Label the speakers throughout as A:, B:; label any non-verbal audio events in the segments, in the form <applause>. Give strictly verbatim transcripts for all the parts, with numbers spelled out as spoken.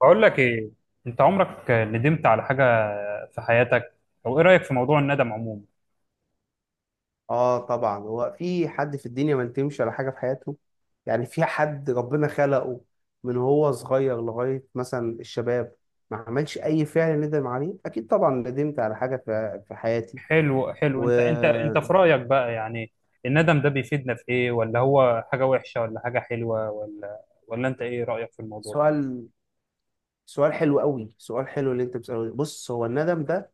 A: بقول لك ايه، انت عمرك ندمت على حاجه في حياتك؟ او ايه رايك في موضوع الندم عموما؟
B: اه، طبعا. هو في حد في الدنيا ما ندمش على حاجه في حياته؟ يعني في حد ربنا خلقه من هو صغير لغايه مثلا الشباب ما عملش اي فعل ندم عليه؟ اكيد طبعا ندمت على حاجه في في حياتي
A: حلو حلو. انت انت انت
B: وسؤال.
A: في رايك بقى، يعني الندم ده بيفيدنا في ايه؟ ولا هو حاجه وحشه ولا حاجه حلوه ولا ولا انت ايه رايك في الموضوع ده؟
B: سؤال حلو قوي، سؤال حلو اللي انت بتساله ده. بص، هو الندم ده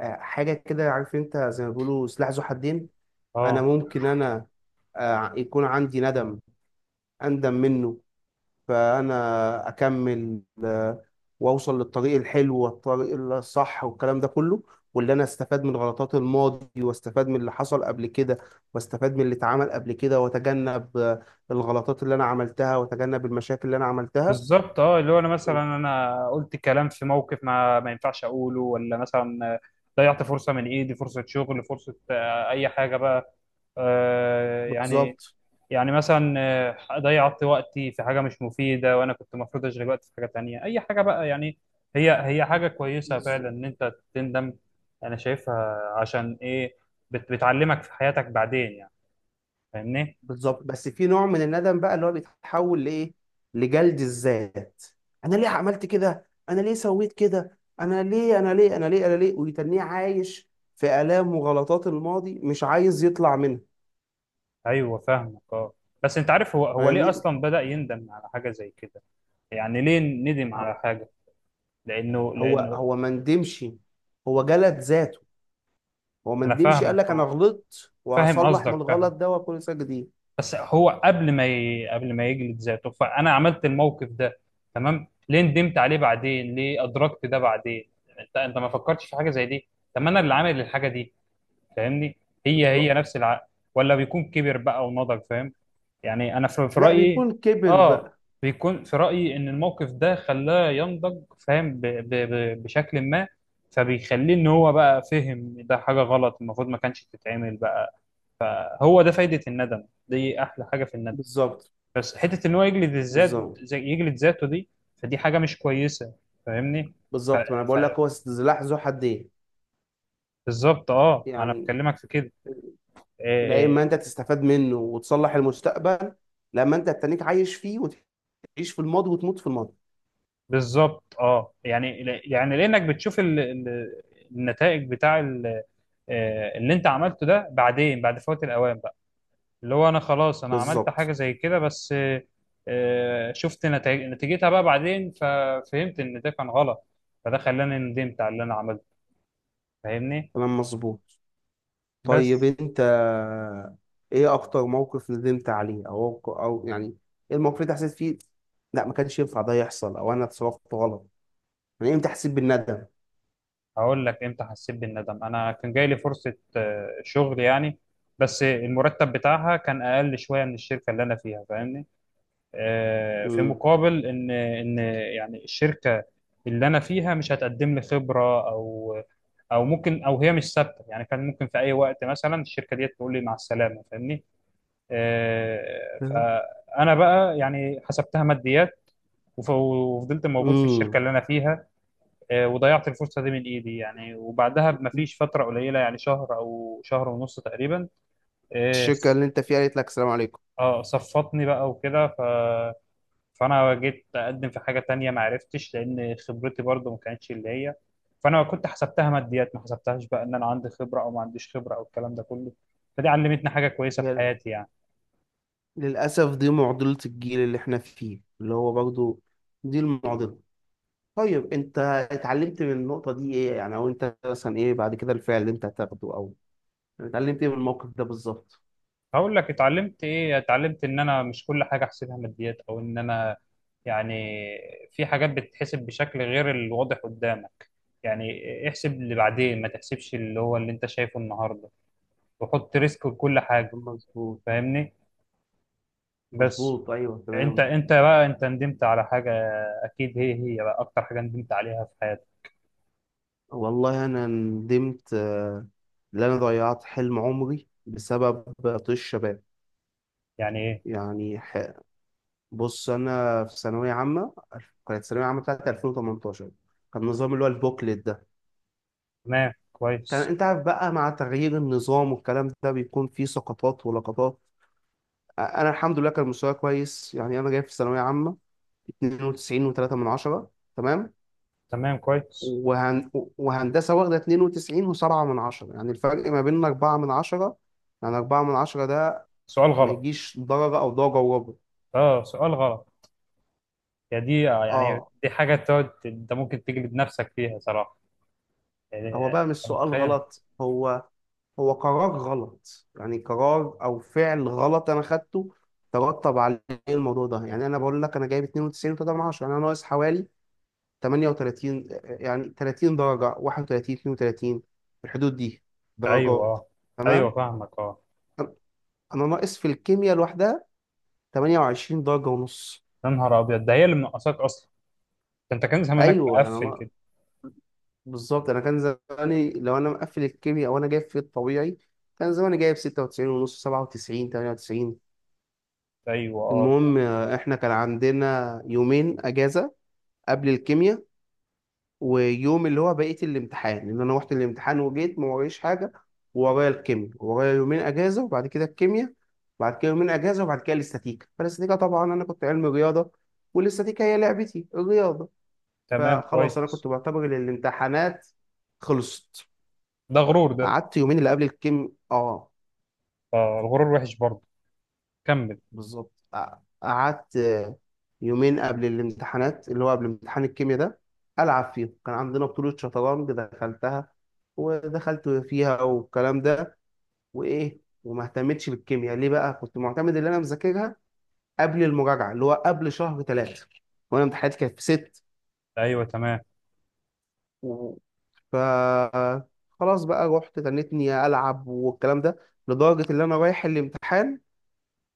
B: آه، حاجه كده، عارف انت زي ما بيقولوا سلاح ذو حدين. انا
A: اه.
B: ممكن انا آه، يكون عندي ندم، اندم منه، فانا اكمل آه، واوصل للطريق الحلو والطريق الصح والكلام ده كله، واللي انا استفاد من غلطات الماضي، واستفاد من اللي حصل قبل كده، واستفاد من اللي اتعمل قبل كده، واتجنب آه، الغلطات اللي انا عملتها، واتجنب المشاكل اللي انا عملتها.
A: بالظبط، اه. اللي هو انا مثلا انا قلت كلام في موقف ما ما ينفعش اقوله، ولا مثلا ضيعت فرصه من ايدي، فرصه شغل، فرصه آه، اي حاجه بقى، آه، يعني.
B: بالظبط.
A: يعني مثلا آه، ضيعت وقتي في حاجة مش مفيدة، وأنا كنت المفروض أشغل وقتي في حاجة تانية، أي حاجة بقى، يعني. هي هي حاجة كويسة فعلا إن أنت تندم. أنا شايفها، عشان إيه؟ بت بتعلمك في حياتك بعدين، يعني. فاهمني؟
B: بالظبط، بس في نوع من الندم بقى اللي هو بيتحول لايه؟ لجلد الذات. انا ليه عملت كده، انا ليه سويت كده، انا ليه، انا ليه انا ليه انا ليه ويتنيه عايش في الام وغلطات الماضي مش عايز يطلع منها.
A: أيوه فاهمك، أه. بس أنت عارف، هو هو ليه
B: فاهمني؟
A: أصلا بدأ يندم على حاجة زي كده؟ يعني ليه ندم على
B: هو
A: حاجة؟ لأنه
B: هو
A: لأنه
B: هو ما ندمش، هو جلد ذاته. هو ما
A: أنا
B: ندمش قال
A: فاهمك،
B: لك انا
A: أه.
B: غلطت
A: فاهم
B: وهصلح من
A: قصدك، فاهم.
B: الغلط ده واكون انسان جديد.
A: بس هو قبل ما ي... قبل ما يجلد ذاته، فانا عملت الموقف ده، تمام؟ ليه ندمت عليه بعدين؟ ليه ادركت ده بعدين؟ انت انت ما فكرتش في حاجه زي دي؟ طب ما انا اللي عامل الحاجه دي، فاهمني؟ هي هي
B: بالظبط.
A: نفس العقل، ولا بيكون كبر بقى ونضج؟ فاهم يعني، انا في, في
B: لا،
A: رايي.
B: بيكون كبر
A: اه.
B: بقى.
A: بيكون في رايي ان الموقف ده خلاه ينضج، فاهم، ب... ب... ب... بشكل ما، فبيخليه ان هو بقى فهم ده حاجه غلط، المفروض ما كانش تتعمل بقى. هو ده فايده الندم دي، احلى حاجه في الندم.
B: بالظبط.
A: بس حته ان هو يجلد الذات،
B: بالظبط.
A: زي يجلد ذاته دي، فدي حاجه مش كويسه، فاهمني؟
B: بالظبط، ما انا
A: ف...
B: بقول لك هو سلاح ذو حدين.
A: بالظبط، اه. ما انا
B: يعني
A: بكلمك في كده.
B: العلم
A: آه، آه،
B: ما انت تستفاد منه وتصلح المستقبل، لما انت تتنيك عايش فيه، وتعيش في الماضي، وتموت في الماضي.
A: بالظبط، اه، يعني يعني لانك بتشوف ال... ال... النتائج بتاع ال... آه، اللي انت عملته ده بعدين، بعد فوات الاوان بقى، اللي هو انا خلاص، انا عملت
B: بالظبط.
A: حاجه زي كده، بس آه، آه، شفت نتائج، نتيجتها بقى بعدين، ففهمت ان ده كان غلط، فده خلاني ندمت على اللي انا عملته، فاهمني.
B: كلام مظبوط. طيب
A: بس
B: انت ايه اكتر موقف ندمت عليه، او او يعني ايه الموقف اللي انت حسيت فيه لا، ما كانش ينفع ده يحصل، او انا اتصرفت غلط؟ يعني امتى حسيت بالندم؟
A: هقول لك امتى حسيت بالندم. انا كان جاي لي فرصه آه، شغل يعني، بس المرتب بتاعها كان اقل شويه من الشركه اللي انا فيها، فاهمني؟ آه، في
B: امم.
A: مقابل ان ان يعني الشركه اللي انا فيها مش هتقدم لي خبره، او او ممكن، او هي مش ثابته يعني، كان ممكن في اي وقت مثلا الشركه دي تقول لي مع السلامه، فاهمني؟ آه،
B: فاهم؟
A: فانا بقى يعني حسبتها ماديات، وف- وفضلت موجود في الشركه
B: امم.
A: اللي انا فيها. آه، وضيعت الفرصة دي من إيدي يعني، وبعدها بمفيش فترة قليلة، يعني شهر أو شهر ونص تقريبا. آه
B: الشركة اللي انت فيها قالت لك السلام عليكم.
A: آه، صفطني بقى وكده، ف... فأنا جيت أقدم في حاجة تانية، ما عرفتش، لأن خبرتي برضو ما كانتش اللي هي. فأنا كنت حسبتها ماديات، ما حسبتهاش بقى إن أنا عندي خبرة أو ما عنديش خبرة أو الكلام ده كله. فدي علمتني حاجة كويسة في
B: لل-
A: حياتي، يعني.
B: للأسف دي معضلة الجيل اللي احنا فيه، اللي هو برضو دي المعضلة. طيب انت اتعلمت من النقطة دي ايه يعني، او انت مثلا ايه بعد كده الفعل اللي انت هتاخده، او اتعلمت ايه من الموقف ده بالظبط؟
A: هقول لك اتعلمت ايه. اتعلمت ان انا مش كل حاجه احسبها ماديات، او ان انا يعني في حاجات بتتحسب بشكل غير الواضح قدامك، يعني احسب اللي بعدين، ما تحسبش اللي هو اللي انت شايفه النهارده، وحط ريسك لكل حاجه،
B: مظبوط.
A: فاهمني. بس
B: مظبوط، ايوه
A: انت
B: تمام.
A: انت بقى، انت ندمت على حاجه، اكيد. هي هي بقى اكتر حاجه ندمت عليها في حياتك؟
B: والله انا ندمت آه، ان انا ضيعت حلم عمري بسبب طيش الشباب.
A: يعني ايه؟
B: يعني ح- بص، انا في ثانوية عامة. كانت الثانوية عامة بتاعتي ألفين وثمانية عشر. كان النظام اللي هو البوكلت ده.
A: تمام
B: كان
A: كويس.
B: انت عارف بقى مع تغيير النظام والكلام ده بيكون فيه سقطات ولقطات. انا الحمد لله كان مستواي كويس، يعني انا جايب في الثانويه عامه اتنين وتسعين و3 من عشرة، تمام؟
A: تمام كويس.
B: وهن... وهندسه واخده اتنين وتسعين و7 من عشرة، يعني الفرق ما بيننا اربعة من عشرة. يعني اربعة من عشرة ده
A: سؤال
B: ما
A: غلط.
B: يجيش درجه او درجه وربع.
A: اه، سؤال غلط. يعني دي آه، يعني
B: اه.
A: دي حاجة تقعد انت ممكن تجلد نفسك فيها صراحة، يعني
B: هو
A: آه،
B: بقى مش
A: انت
B: سؤال
A: متخيل؟
B: غلط، هو هو قرار غلط. يعني قرار او فعل غلط انا خدته، ترتب عليه الموضوع ده. يعني انا بقول لك انا جايب اتنين وتسعين و3 من عشرة، يعني انا ناقص حوالي تمنية وتلاتين. يعني 30 درجة، واحد وتلاتين، اثنين وثلاثين، في الحدود دي
A: ايوه،
B: درجات.
A: اه. ايوه
B: تمام.
A: فاهمك، اه.
B: أنا ناقص في الكيمياء لوحدها 28 درجة ونص.
A: يا نهار ابيض، ده هي اللي منقصاك اصلا. ده انت كان زمانك
B: أيوه أنا
A: مقفل كده.
B: ناقص. بالظبط، أنا كان زماني لو أنا مقفل الكيمياء وأنا جايب في الطبيعي كان زماني جايب ستة وتسعين ونص، سبعة وتسعين، تمنية وتسعين.
A: ايوه، اه.
B: المهم، آه، إحنا كان عندنا يومين أجازة قبل الكيمياء. ويوم اللي هو بقيه الامتحان، ان انا رحت الامتحان وجيت ما ورايش حاجه. ورايا الكيمياء، ورايا يومين اجازه وبعد كده الكيمياء، بعد كده يومين اجازه وبعد كده الاستاتيكا. فالاستاتيكا طبعا انا كنت علمي رياضه، والاستاتيكا هي لعبتي الرياضه.
A: تمام
B: فخلاص انا
A: كويس.
B: كنت بعتبر ان الامتحانات خلصت.
A: ده غرور ده.
B: قعدت يومين اللي قبل الكيم. اه،
A: اه، الغرور وحش برضه، كمل.
B: بالظبط. ق- قعدت يومين قبل الامتحانات، اللي هو قبل امتحان الكيمياء ده، ألعب فيه. كان عندنا بطولة شطرنج دخلتها، ودخلت فيها والكلام ده. وإيه، وما اهتمتش بالكيمياء ليه بقى؟ كنت معتمد إن أنا مذاكرها قبل المراجعة، اللي هو قبل شهر ثلاثة، وأنا امتحاناتي كانت في ست.
A: ايوه تمام.
B: و... ف خلاص بقى رحت تنتني ألعب والكلام ده، لدرجة إن أنا رايح الامتحان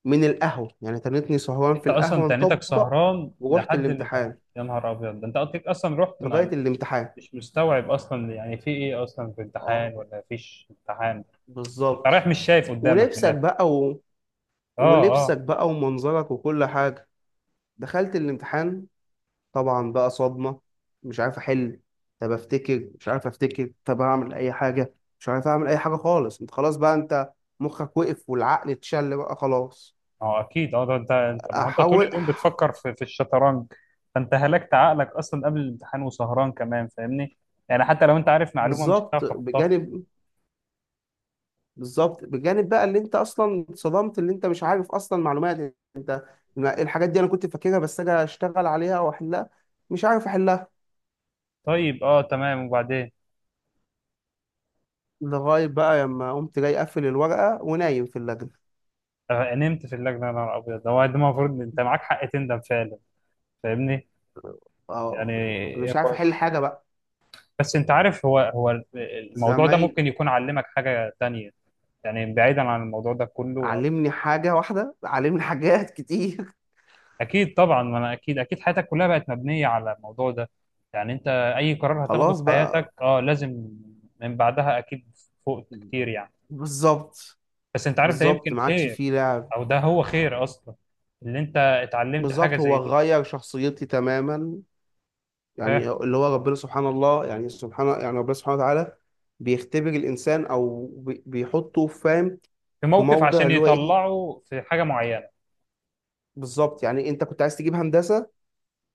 B: من القهوة، يعني تنتني سهران في
A: انت اصلا
B: القهوة
A: تانيتك
B: نطبق،
A: سهران
B: ورحت
A: لحد الامتحان؟
B: الامتحان
A: يا نهار ابيض، ده انت قلتلك اصلا رحت
B: لغاية
A: ما...
B: الامتحان.
A: مش مستوعب اصلا يعني، في ايه اصلا، في
B: اه،
A: امتحان ولا فيش امتحان؟ انت
B: بالظبط.
A: رايح مش شايف قدامك من
B: ولبسك
A: الاخر.
B: بقى و...
A: اه. آه.
B: ولبسك بقى، ومنظرك، وكل حاجة. دخلت الامتحان، طبعا بقى صدمة. مش عارف أحل، طب أفتكر مش عارف أفتكر، طب أعمل أي حاجة مش عارف أعمل أي حاجة خالص. أنت خلاص بقى، أنت مخك وقف والعقل اتشل بقى خلاص.
A: اه اكيد، اه. ده انت، انت ما هو انت طول
B: أحاول.
A: اليوم بتفكر في في الشطرنج، فانت هلكت عقلك اصلا قبل الامتحان، وسهران كمان، فاهمني. يعني حتى لو انت عارف معلومه، مش
B: بالظبط.
A: هتعرف تحطها.
B: بجانب بالظبط بجانب بقى اللي انت اصلا اتصدمت، اللي انت مش عارف اصلا معلومات. انت ما- إيه الحاجات دي؟ انا كنت فاكرها، بس اجي اشتغل عليها واحلها مش عارف احلها.
A: طيب، اه، تمام، وبعدين؟
B: لغايه بقى لما قمت جاي اقفل الورقه ونايم في اللجنه.
A: آه، نمت في اللجنه؟ يا نهار ابيض، ده هو ده المفروض إن انت معاك حق تندم فعلا، فاهمني. يعني.
B: اه. أنا مش عارف
A: هو-
B: احل حاجه بقى.
A: بس انت عارف، هو هو الموضوع ده
B: زمايل.
A: ممكن يكون علمك حاجه تانية، يعني بعيدا عن الموضوع ده كله.
B: علمني حاجه واحده؟ علمني حاجات كتير.
A: اكيد طبعا، ما انا اكيد اكيد حياتك كلها بقت مبنيه على الموضوع ده، يعني انت اي قرار
B: <laughs>
A: هتاخده في
B: خلاص
A: حياتك،
B: بقى.
A: اه لازم من بعدها اكيد، فوقت كتير يعني.
B: بالظبط.
A: بس انت عارف ده
B: بالظبط،
A: يمكن
B: ما عادش
A: خير،
B: فيه لعب.
A: او ده هو خير اصلا، اللي انت اتعلمت حاجه
B: بالظبط، هو
A: زي دي.
B: غير شخصيتي تماما.
A: ف-
B: يعني اللي هو ربنا سبحان الله، يعني سبحان، يعني ربنا سبحانه وتعالى بيختبر الإنسان، أو بي- بيحطه، فاهم،
A: في
B: في
A: موقف
B: موضع
A: عشان
B: اللي هو إيه.
A: يطلعه في حاجه معينه.
B: بالظبط. يعني أنت كنت عايز تجيب هندسة،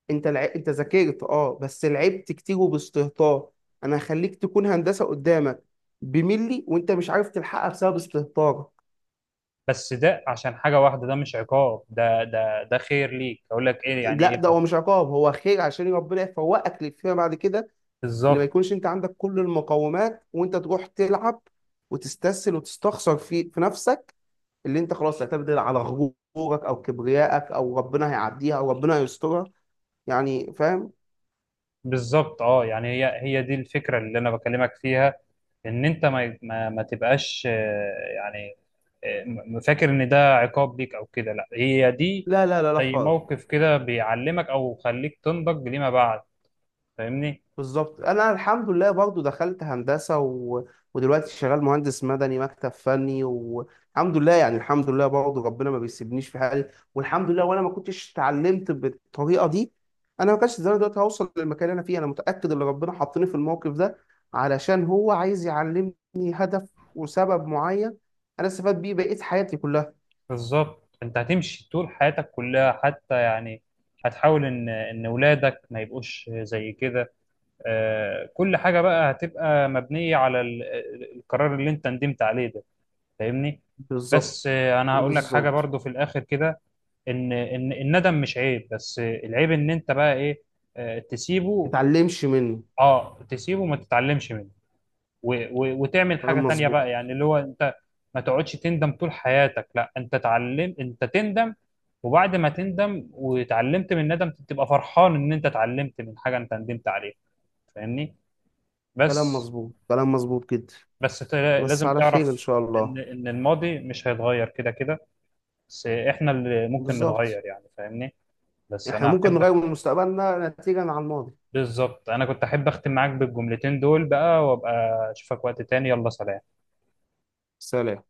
B: أنت لع... أنت ذاكرت أه، بس لعبت كتير وباستهتار. أنا هخليك تكون هندسة قدامك بملي، وأنت مش عارف تلحقها بسبب استهتارك.
A: بس ده عشان حاجه واحده، ده مش عقاب، ده ده ده خير ليك، اقول لك ايه يعني،
B: لا،
A: ايه
B: ده هو
A: برضه.
B: مش عقاب، هو خير عشان ربنا يفوقك فيما بعد كده. اللي ما
A: بالظبط.
B: يكونش انت عندك كل المقومات وانت تروح تلعب وتستسهل وتستخسر في في نفسك، اللي انت خلاص تعتمد على غرورك او كبريائك او ربنا هيعديها او ربنا هيسترها، يعني فاهم.
A: بالظبط، اه يعني، هي هي دي الفكره اللي انا بكلمك فيها، ان انت ما ما, ما تبقاش آه، يعني آه، م- فاكر ان ده عقاب ليك او كده، لا هي دي
B: لا لا لا لا
A: زي
B: خالص.
A: موقف كده بيعلمك، او خليك تنضج لما بعد، فاهمني.
B: بالظبط، انا الحمد لله برضو دخلت هندسه و... ودلوقتي شغال مهندس مدني مكتب فني والحمد لله. يعني الحمد لله برضو، ربنا ما بيسيبنيش في حالي، والحمد لله. وانا ما كنتش اتعلمت بالطريقه دي، انا ما كانش زمان دلوقتي هوصل للمكان اللي انا فيه. انا متاكد ان ربنا حطني في الموقف ده علشان هو عايز يعلمني هدف وسبب معين، انا استفاد بيه بقيت حياتي كلها.
A: بالظبط، انت هتمشي طول حياتك كلها حتى يعني، هتحاول ان ان ولادك ما يبقوش زي كده. آه، كل حاجه بقى هتبقى مبنيه على ال- آه، القرار اللي انت ندمت عليه ده، فاهمني.
B: بالظبط.
A: بس آه، انا هقول لك حاجه
B: بالظبط.
A: برضو في الاخر كده، ان ان الندم مش عيب، بس آه، العيب ان انت بقى ايه؟ آه، تسيبه.
B: متعلمش منه.
A: اه، تسيبه وما تتعلمش منه، و و وتعمل حاجه
B: كلام
A: تانية
B: مظبوط.
A: بقى، يعني اللي هو انت ما تقعدش تندم طول حياتك، لا، انت تعلم، انت تندم، وبعد ما تندم وتعلمت من الندم تبقى فرحان ان انت اتعلمت من حاجه انت ندمت عليها، فاهمني.
B: كلام
A: بس
B: مظبوط كلام مظبوط جدا.
A: بس ت-
B: بس
A: لازم
B: على خير إن
A: تعرف
B: شاء
A: ان
B: الله.
A: ان الماضي مش هيتغير كده كده، بس احنا اللي ممكن
B: بالظبط.
A: نتغير يعني، فاهمني. بس
B: احنا
A: انا
B: ممكن
A: احب.
B: نغير من مستقبلنا نتيجة عن الماضي.
A: بالظبط. انا كنت احب اختم معاك بالجملتين دول بقى، وابقى اشوفك وقت تاني، يلا سلام.
B: سلام.